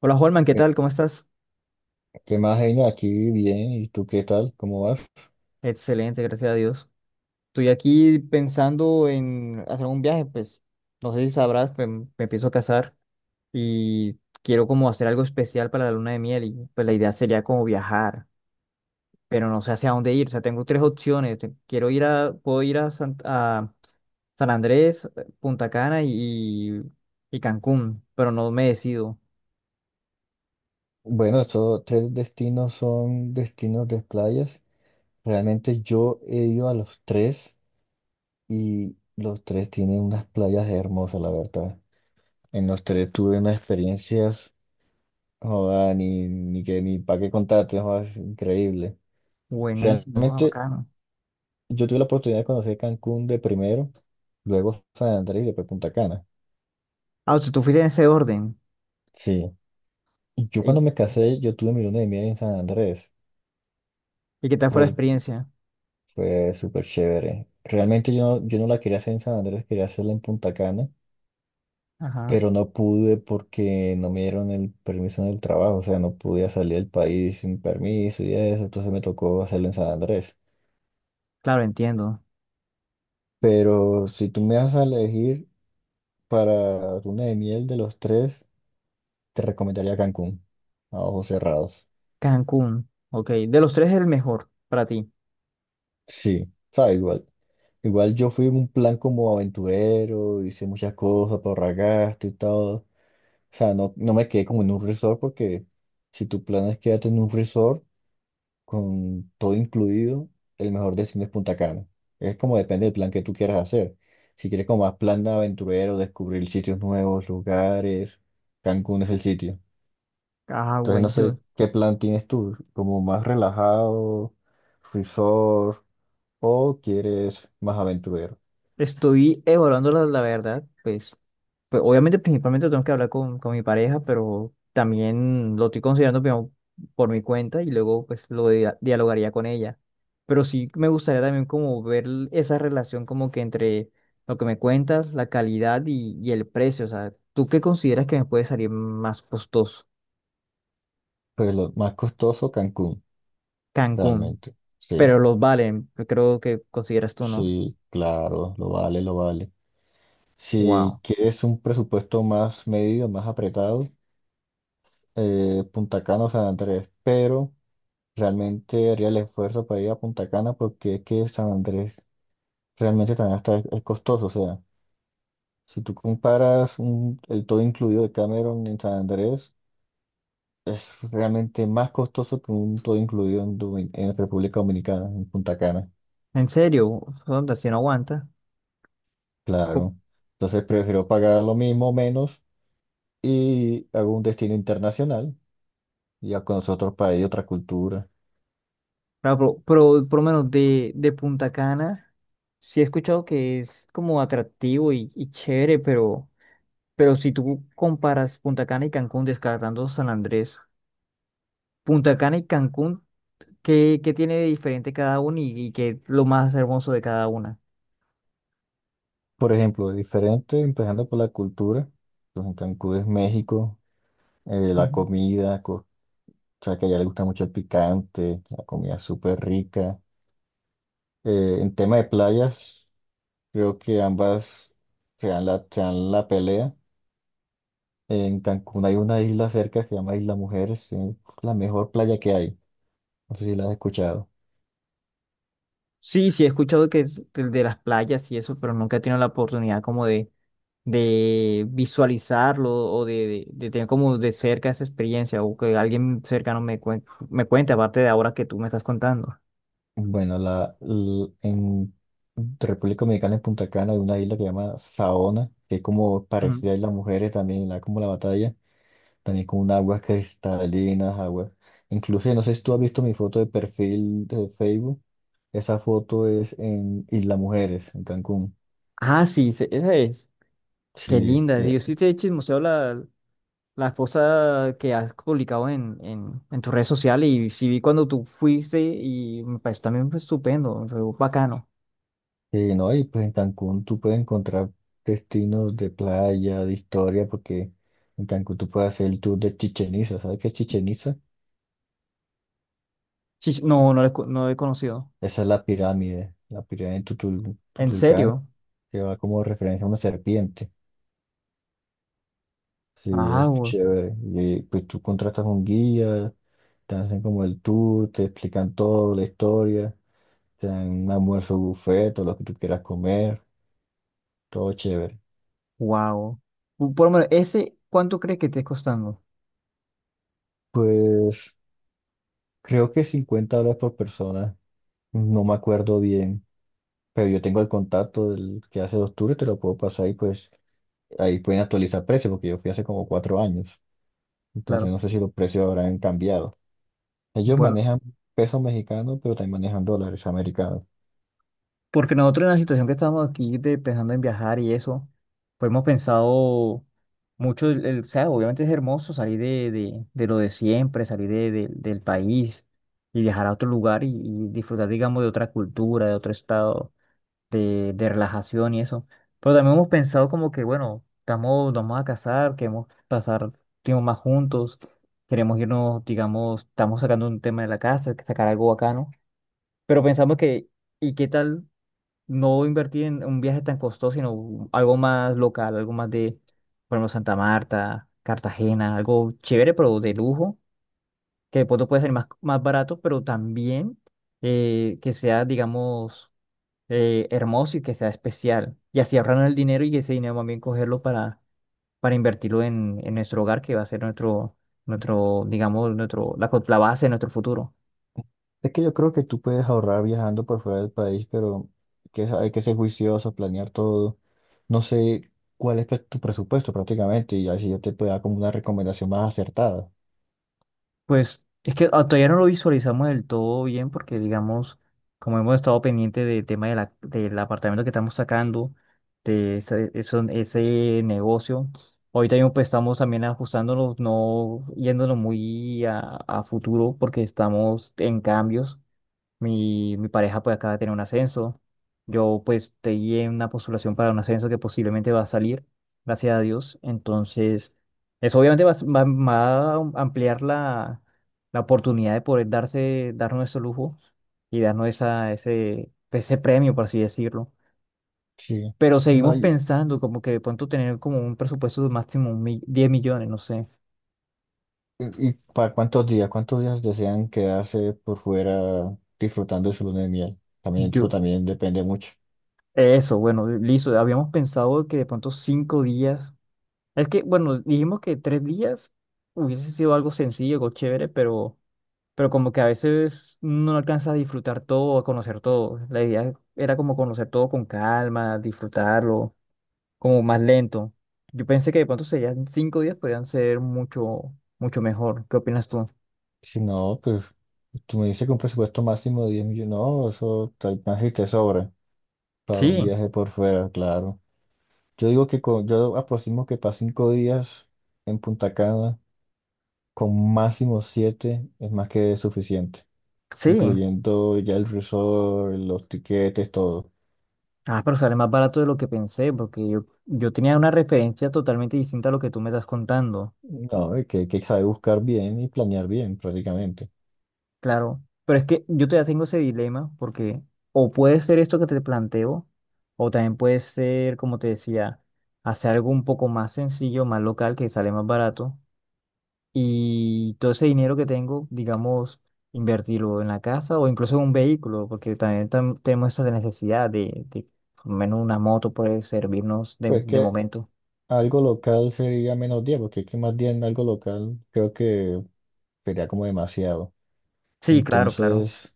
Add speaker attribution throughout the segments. Speaker 1: Hola Holman, ¿qué
Speaker 2: Eh,
Speaker 1: tal? ¿Cómo estás?
Speaker 2: ¿Qué más, Genia? Aquí bien. ¿Y tú qué tal? ¿Cómo vas?
Speaker 1: Excelente, gracias a Dios. Estoy aquí pensando en hacer un viaje, pues no sé si sabrás, pues, me empiezo a casar y quiero como hacer algo especial para la luna de miel y pues la idea sería como viajar, pero no sé hacia dónde ir. O sea, tengo tres opciones. Quiero ir a, puedo ir a San Andrés, Punta Cana y Cancún, pero no me decido.
Speaker 2: Bueno, estos tres destinos son destinos de playas. Realmente yo he ido a los tres y los tres tienen unas playas hermosas, la verdad. En los tres tuve unas experiencias, joda, ni que ni para qué contarte, joda, es increíble.
Speaker 1: Buenísimo, ah,
Speaker 2: Realmente
Speaker 1: bacano.
Speaker 2: yo tuve la oportunidad de conocer Cancún de primero, luego San Andrés y después Punta Cana.
Speaker 1: Ah, o sea, tú fuiste en ese orden.
Speaker 2: Sí. Yo
Speaker 1: ¿Y,
Speaker 2: cuando me casé, yo tuve mi luna de miel en San Andrés.
Speaker 1: y qué tal fue la experiencia?
Speaker 2: Fue súper chévere. Realmente yo no la quería hacer en San Andrés, quería hacerla en Punta Cana,
Speaker 1: Ajá.
Speaker 2: pero no pude porque no me dieron el permiso en el trabajo, o sea, no podía salir del país sin permiso y eso, entonces me tocó hacerlo en San Andrés.
Speaker 1: Claro, entiendo.
Speaker 2: Pero si tú me vas a elegir para luna de miel de los tres, te recomendaría Cancún, a ojos cerrados.
Speaker 1: Cancún, ok. De los tres, el mejor para ti.
Speaker 2: Sí, sabe igual. Igual yo fui en un plan como aventurero, hice muchas cosas para ahorrar gasto y todo. O sea, no me quedé como en un resort, porque si tu plan es quedarte en un resort con todo incluido, el mejor destino es Punta Cana. Es como depende del plan que tú quieras hacer. Si quieres como más plan de aventurero, descubrir sitios nuevos, lugares, Cancún es el sitio.
Speaker 1: Ah,
Speaker 2: Entonces no
Speaker 1: buenísimo.
Speaker 2: sé qué plan tienes tú, como más relajado, resort, o quieres más aventurero.
Speaker 1: Estoy evaluando la verdad, pues, pues obviamente principalmente tengo que hablar con mi pareja, pero también lo estoy considerando primero por mi cuenta y luego pues lo dialogaría con ella. Pero sí me gustaría también como ver esa relación como que entre lo que me cuentas, la calidad y el precio. O sea, ¿tú qué consideras que me puede salir más costoso?
Speaker 2: Pues lo más costoso, Cancún,
Speaker 1: Cancún,
Speaker 2: realmente. Sí,
Speaker 1: pero los valen, creo que consideras tú, ¿no?
Speaker 2: sí, claro, lo vale, lo vale. Si
Speaker 1: Wow.
Speaker 2: quieres un presupuesto más medido, más apretado, Punta Cana o San Andrés, pero realmente haría el esfuerzo para ir a Punta Cana, porque es que San Andrés realmente también está, es costoso. O sea, si tú comparas el todo incluido de Cameron en San Andrés, es realmente más costoso que un todo incluido en, en República Dominicana, en Punta Cana,
Speaker 1: En serio, Sonda, si no aguanta. Co-
Speaker 2: claro. Entonces prefiero pagar lo mismo, menos, y hago un destino internacional y ya conocer otro país, otra cultura.
Speaker 1: Claro, pero por lo menos de Punta Cana, sí he escuchado que es como atractivo y chévere, pero si tú comparas Punta Cana y Cancún, descartando San Andrés, Punta Cana y Cancún, ¿qué tiene de diferente cada uno y qué es lo más hermoso de cada una?
Speaker 2: Por ejemplo, diferente, empezando por la cultura. Pues en Cancún es México, la
Speaker 1: Ujú.
Speaker 2: comida, o sea que allá le gusta mucho el picante, la comida es súper rica. En tema de playas, creo que ambas se dan la pelea. En Cancún hay una isla cerca que se llama Isla Mujeres, es la mejor playa que hay. No sé si la has escuchado.
Speaker 1: Sí, sí he escuchado que es el de las playas y eso, pero nunca he tenido la oportunidad como de visualizarlo o de, de tener como de cerca esa experiencia o que alguien cercano me cuente, aparte de ahora que tú me estás contando.
Speaker 2: Bueno, en República Dominicana, en Punta Cana, hay una isla que se llama Saona, que es como
Speaker 1: Ujú.
Speaker 2: parecida a Isla Mujeres también, la, como la batalla. También con un aguas cristalinas, aguas. Incluso, no sé si tú has visto mi foto de perfil de Facebook. Esa foto es en Isla Mujeres, en Cancún.
Speaker 1: Ah, sí, esa es. Qué
Speaker 2: Sí,
Speaker 1: linda. Sí, yo sí te he chismoseado la, la cosa que has publicado en tus redes sociales y sí vi cuando tú fuiste y me pareció también fue estupendo, me fue bacano.
Speaker 2: sí, no, y pues en Cancún tú puedes encontrar destinos de playa, de historia, porque en Cancún tú puedes hacer el tour de Chichen Itza. ¿Sabes qué es Chichen Itza?
Speaker 1: Sí, no, no lo, no lo he conocido.
Speaker 2: Esa es la pirámide de
Speaker 1: ¿En
Speaker 2: Tutulcán,
Speaker 1: serio?
Speaker 2: que va como referencia a una serpiente. Sí,
Speaker 1: Ah,
Speaker 2: es chévere. Y pues tú contratas un guía, te hacen como el tour, te explican todo, la historia, te dan un almuerzo buffet, todo lo que tú quieras comer, todo chévere.
Speaker 1: wow. Por lo menos, ese, ¿cuánto crees que te esté costando?
Speaker 2: Pues creo que $50 por persona, no me acuerdo bien, pero yo tengo el contacto del que hace los tours, te lo puedo pasar y pues ahí pueden actualizar precios, porque yo fui hace como 4 años, entonces
Speaker 1: Claro.
Speaker 2: no sé si los precios habrán cambiado. Ellos
Speaker 1: Bueno.
Speaker 2: manejan pesos mexicanos, pero también manejan dólares americanos.
Speaker 1: Porque nosotros en la situación que estábamos aquí de, pensando en viajar y eso, pues hemos pensado mucho, o sea, obviamente es hermoso salir de lo de siempre, salir de, del país y viajar a otro lugar y disfrutar, digamos, de otra cultura, de otro estado de relajación y eso. Pero también hemos pensado como que, bueno, estamos, nos vamos a casar, queremos pasar tiempo más juntos, queremos irnos, digamos, estamos sacando un tema de la casa, sacar algo bacano, pero pensamos que... ¿Y qué tal? No invertir en un viaje tan costoso, sino algo más local, algo más de, por ejemplo, Santa Marta, Cartagena, algo chévere, pero de lujo, que de pronto puede ser más, más barato, pero también que sea, digamos, hermoso y que sea especial. Y así ahorrar el dinero y ese dinero también cogerlo para invertirlo en nuestro hogar, que va a ser nuestro, nuestro, digamos, nuestro, la, la base de nuestro futuro.
Speaker 2: Es que yo creo que tú puedes ahorrar viajando por fuera del país, pero hay que ser juicioso, planear todo. No sé cuál es tu presupuesto prácticamente, y así yo te puedo dar como una recomendación más acertada.
Speaker 1: Pues es que todavía no lo visualizamos del todo bien porque, digamos, como hemos estado pendiente del tema de del apartamento que estamos sacando, de ese, ese negocio, ahorita mismo pues, estamos también ajustándonos, no yéndonos muy a futuro porque estamos en cambios. Mi pareja pues acaba de tener un ascenso. Yo pues estoy en una postulación para un ascenso que posiblemente va a salir, gracias a Dios. Entonces, eso obviamente va, va a ampliar la, la oportunidad de poder darse, darnos ese lujo y darnos esa, ese premio, por así decirlo.
Speaker 2: Sí.
Speaker 1: Pero
Speaker 2: No,
Speaker 1: seguimos pensando como que de pronto tener como un presupuesto de máximo 10 millones, no sé.
Speaker 2: y- ¿y para cuántos días? ¿Cuántos días desean quedarse por fuera disfrutando de su luna de miel? También
Speaker 1: Yo,
Speaker 2: eso también depende mucho.
Speaker 1: eso, bueno, listo. Habíamos pensado que de pronto cinco días. Es que, bueno, dijimos que tres días hubiese sido algo sencillo, algo chévere, pero como que a veces no alcanza a disfrutar todo, a conocer todo. La idea era como conocer todo con calma, disfrutarlo, como más lento. Yo pensé que de pronto serían cinco días, podrían ser mucho, mucho mejor. ¿Qué opinas tú?
Speaker 2: Si no, pues tú me dices que un presupuesto máximo de 10 millones, no, eso más y te sobra para un
Speaker 1: Sí,
Speaker 2: viaje por fuera, claro. Yo digo que con yo aproximo que para 5 días en Punta Cana, con máximo siete, es más que suficiente,
Speaker 1: sí.
Speaker 2: incluyendo ya el resort, los tiquetes, todo.
Speaker 1: Ah, pero sale más barato de lo que pensé, porque yo tenía una referencia totalmente distinta a lo que tú me estás contando.
Speaker 2: No, es que hay que saber buscar bien y planear bien prácticamente.
Speaker 1: Claro, pero es que yo todavía tengo ese dilema porque o puede ser esto que te planteo, o también puede ser, como te decía, hacer algo un poco más sencillo, más local, que sale más barato, y todo ese dinero que tengo, digamos, invertirlo en la casa o incluso en un vehículo, porque también tenemos esa necesidad de, por lo menos una moto puede servirnos
Speaker 2: Pues
Speaker 1: de
Speaker 2: que
Speaker 1: momento.
Speaker 2: algo local sería menos 10, porque es que más 10 en algo local creo que sería como demasiado.
Speaker 1: Sí, claro, claro.
Speaker 2: Entonces,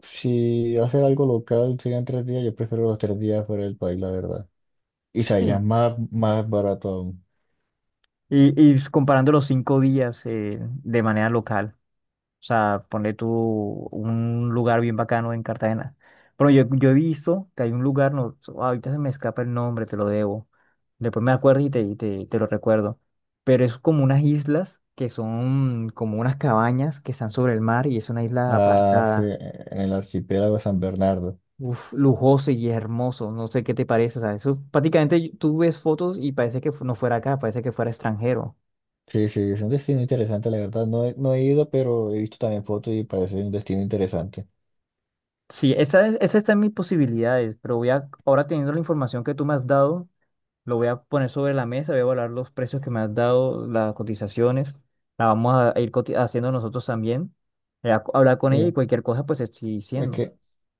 Speaker 2: si hacer algo local serían 3 días, yo prefiero los 3 días fuera del país, la verdad. Y sería
Speaker 1: Sí.
Speaker 2: más, más barato aún.
Speaker 1: Y, comparando los cinco días de manera local. O sea, ponle tú un lugar bien bacano en Cartagena. Pero yo he visto que hay un lugar, no, ahorita se me escapa el nombre, te lo debo. Después me acuerdo y te, te lo recuerdo. Pero es como unas islas que son como unas cabañas que están sobre el mar y es una isla
Speaker 2: Ah, sí,
Speaker 1: apartada.
Speaker 2: en el archipiélago San Bernardo.
Speaker 1: Uf, lujoso y hermoso. No sé qué te parece. O sea, eso prácticamente tú ves fotos y parece que no fuera acá, parece que fuera extranjero.
Speaker 2: Sí, sí, es un destino interesante, la verdad. No he ido, pero he visto también fotos y parece un destino interesante.
Speaker 1: Sí, esa, esa está en mis posibilidades, pero voy a, ahora teniendo la información que tú me has dado. Lo voy a poner sobre la mesa, voy a evaluar los precios que me has dado, las cotizaciones. La vamos a ir haciendo nosotros también. Hablar con ella y
Speaker 2: Bien,
Speaker 1: cualquier cosa, pues te estoy
Speaker 2: es
Speaker 1: diciendo.
Speaker 2: que,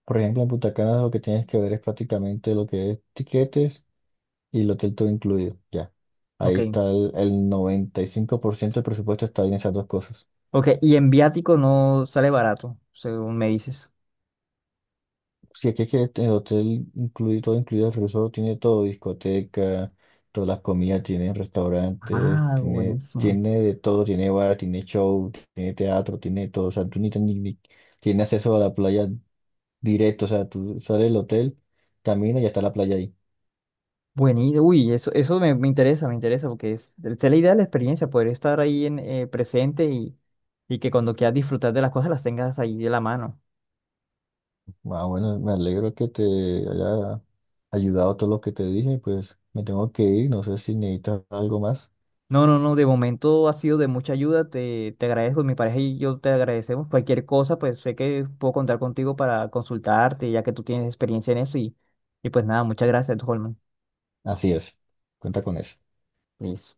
Speaker 2: por ejemplo, en Punta Cana lo que tienes que ver es prácticamente lo que es tiquetes y el hotel todo incluido. Ya.
Speaker 1: Ok.
Speaker 2: Ahí está el 95% del presupuesto, está en esas dos cosas.
Speaker 1: Ok, y en viático no sale barato, según me dices.
Speaker 2: Sí, aquí el hotel incluye todo, incluido el resort, tiene todo, discoteca, todas las comidas, tiene restaurantes,
Speaker 1: Ah, buenísimo.
Speaker 2: tiene de todo, tiene bar, tiene show, tiene teatro, tiene todo, o sea, tú ni, ni, ni- tiene acceso a la playa directo, o sea, tú sales del hotel, caminas y ya está la playa ahí.
Speaker 1: Buenísimo. Uy, eso me, me interesa, porque es la idea de la experiencia, poder estar ahí en, presente y que cuando quieras disfrutar de las cosas las tengas ahí de la mano.
Speaker 2: Ah, bueno, me alegro que te haya ayudado todo lo que te dije, pues me tengo que ir, no sé si necesitas algo más.
Speaker 1: No, no, no, de momento ha sido de mucha ayuda, te agradezco, mi pareja y yo te agradecemos. Cualquier cosa, pues sé que puedo contar contigo para consultarte, ya que tú tienes experiencia en eso y pues nada, muchas gracias, Holman.
Speaker 2: Así es, cuenta con eso.
Speaker 1: Listo.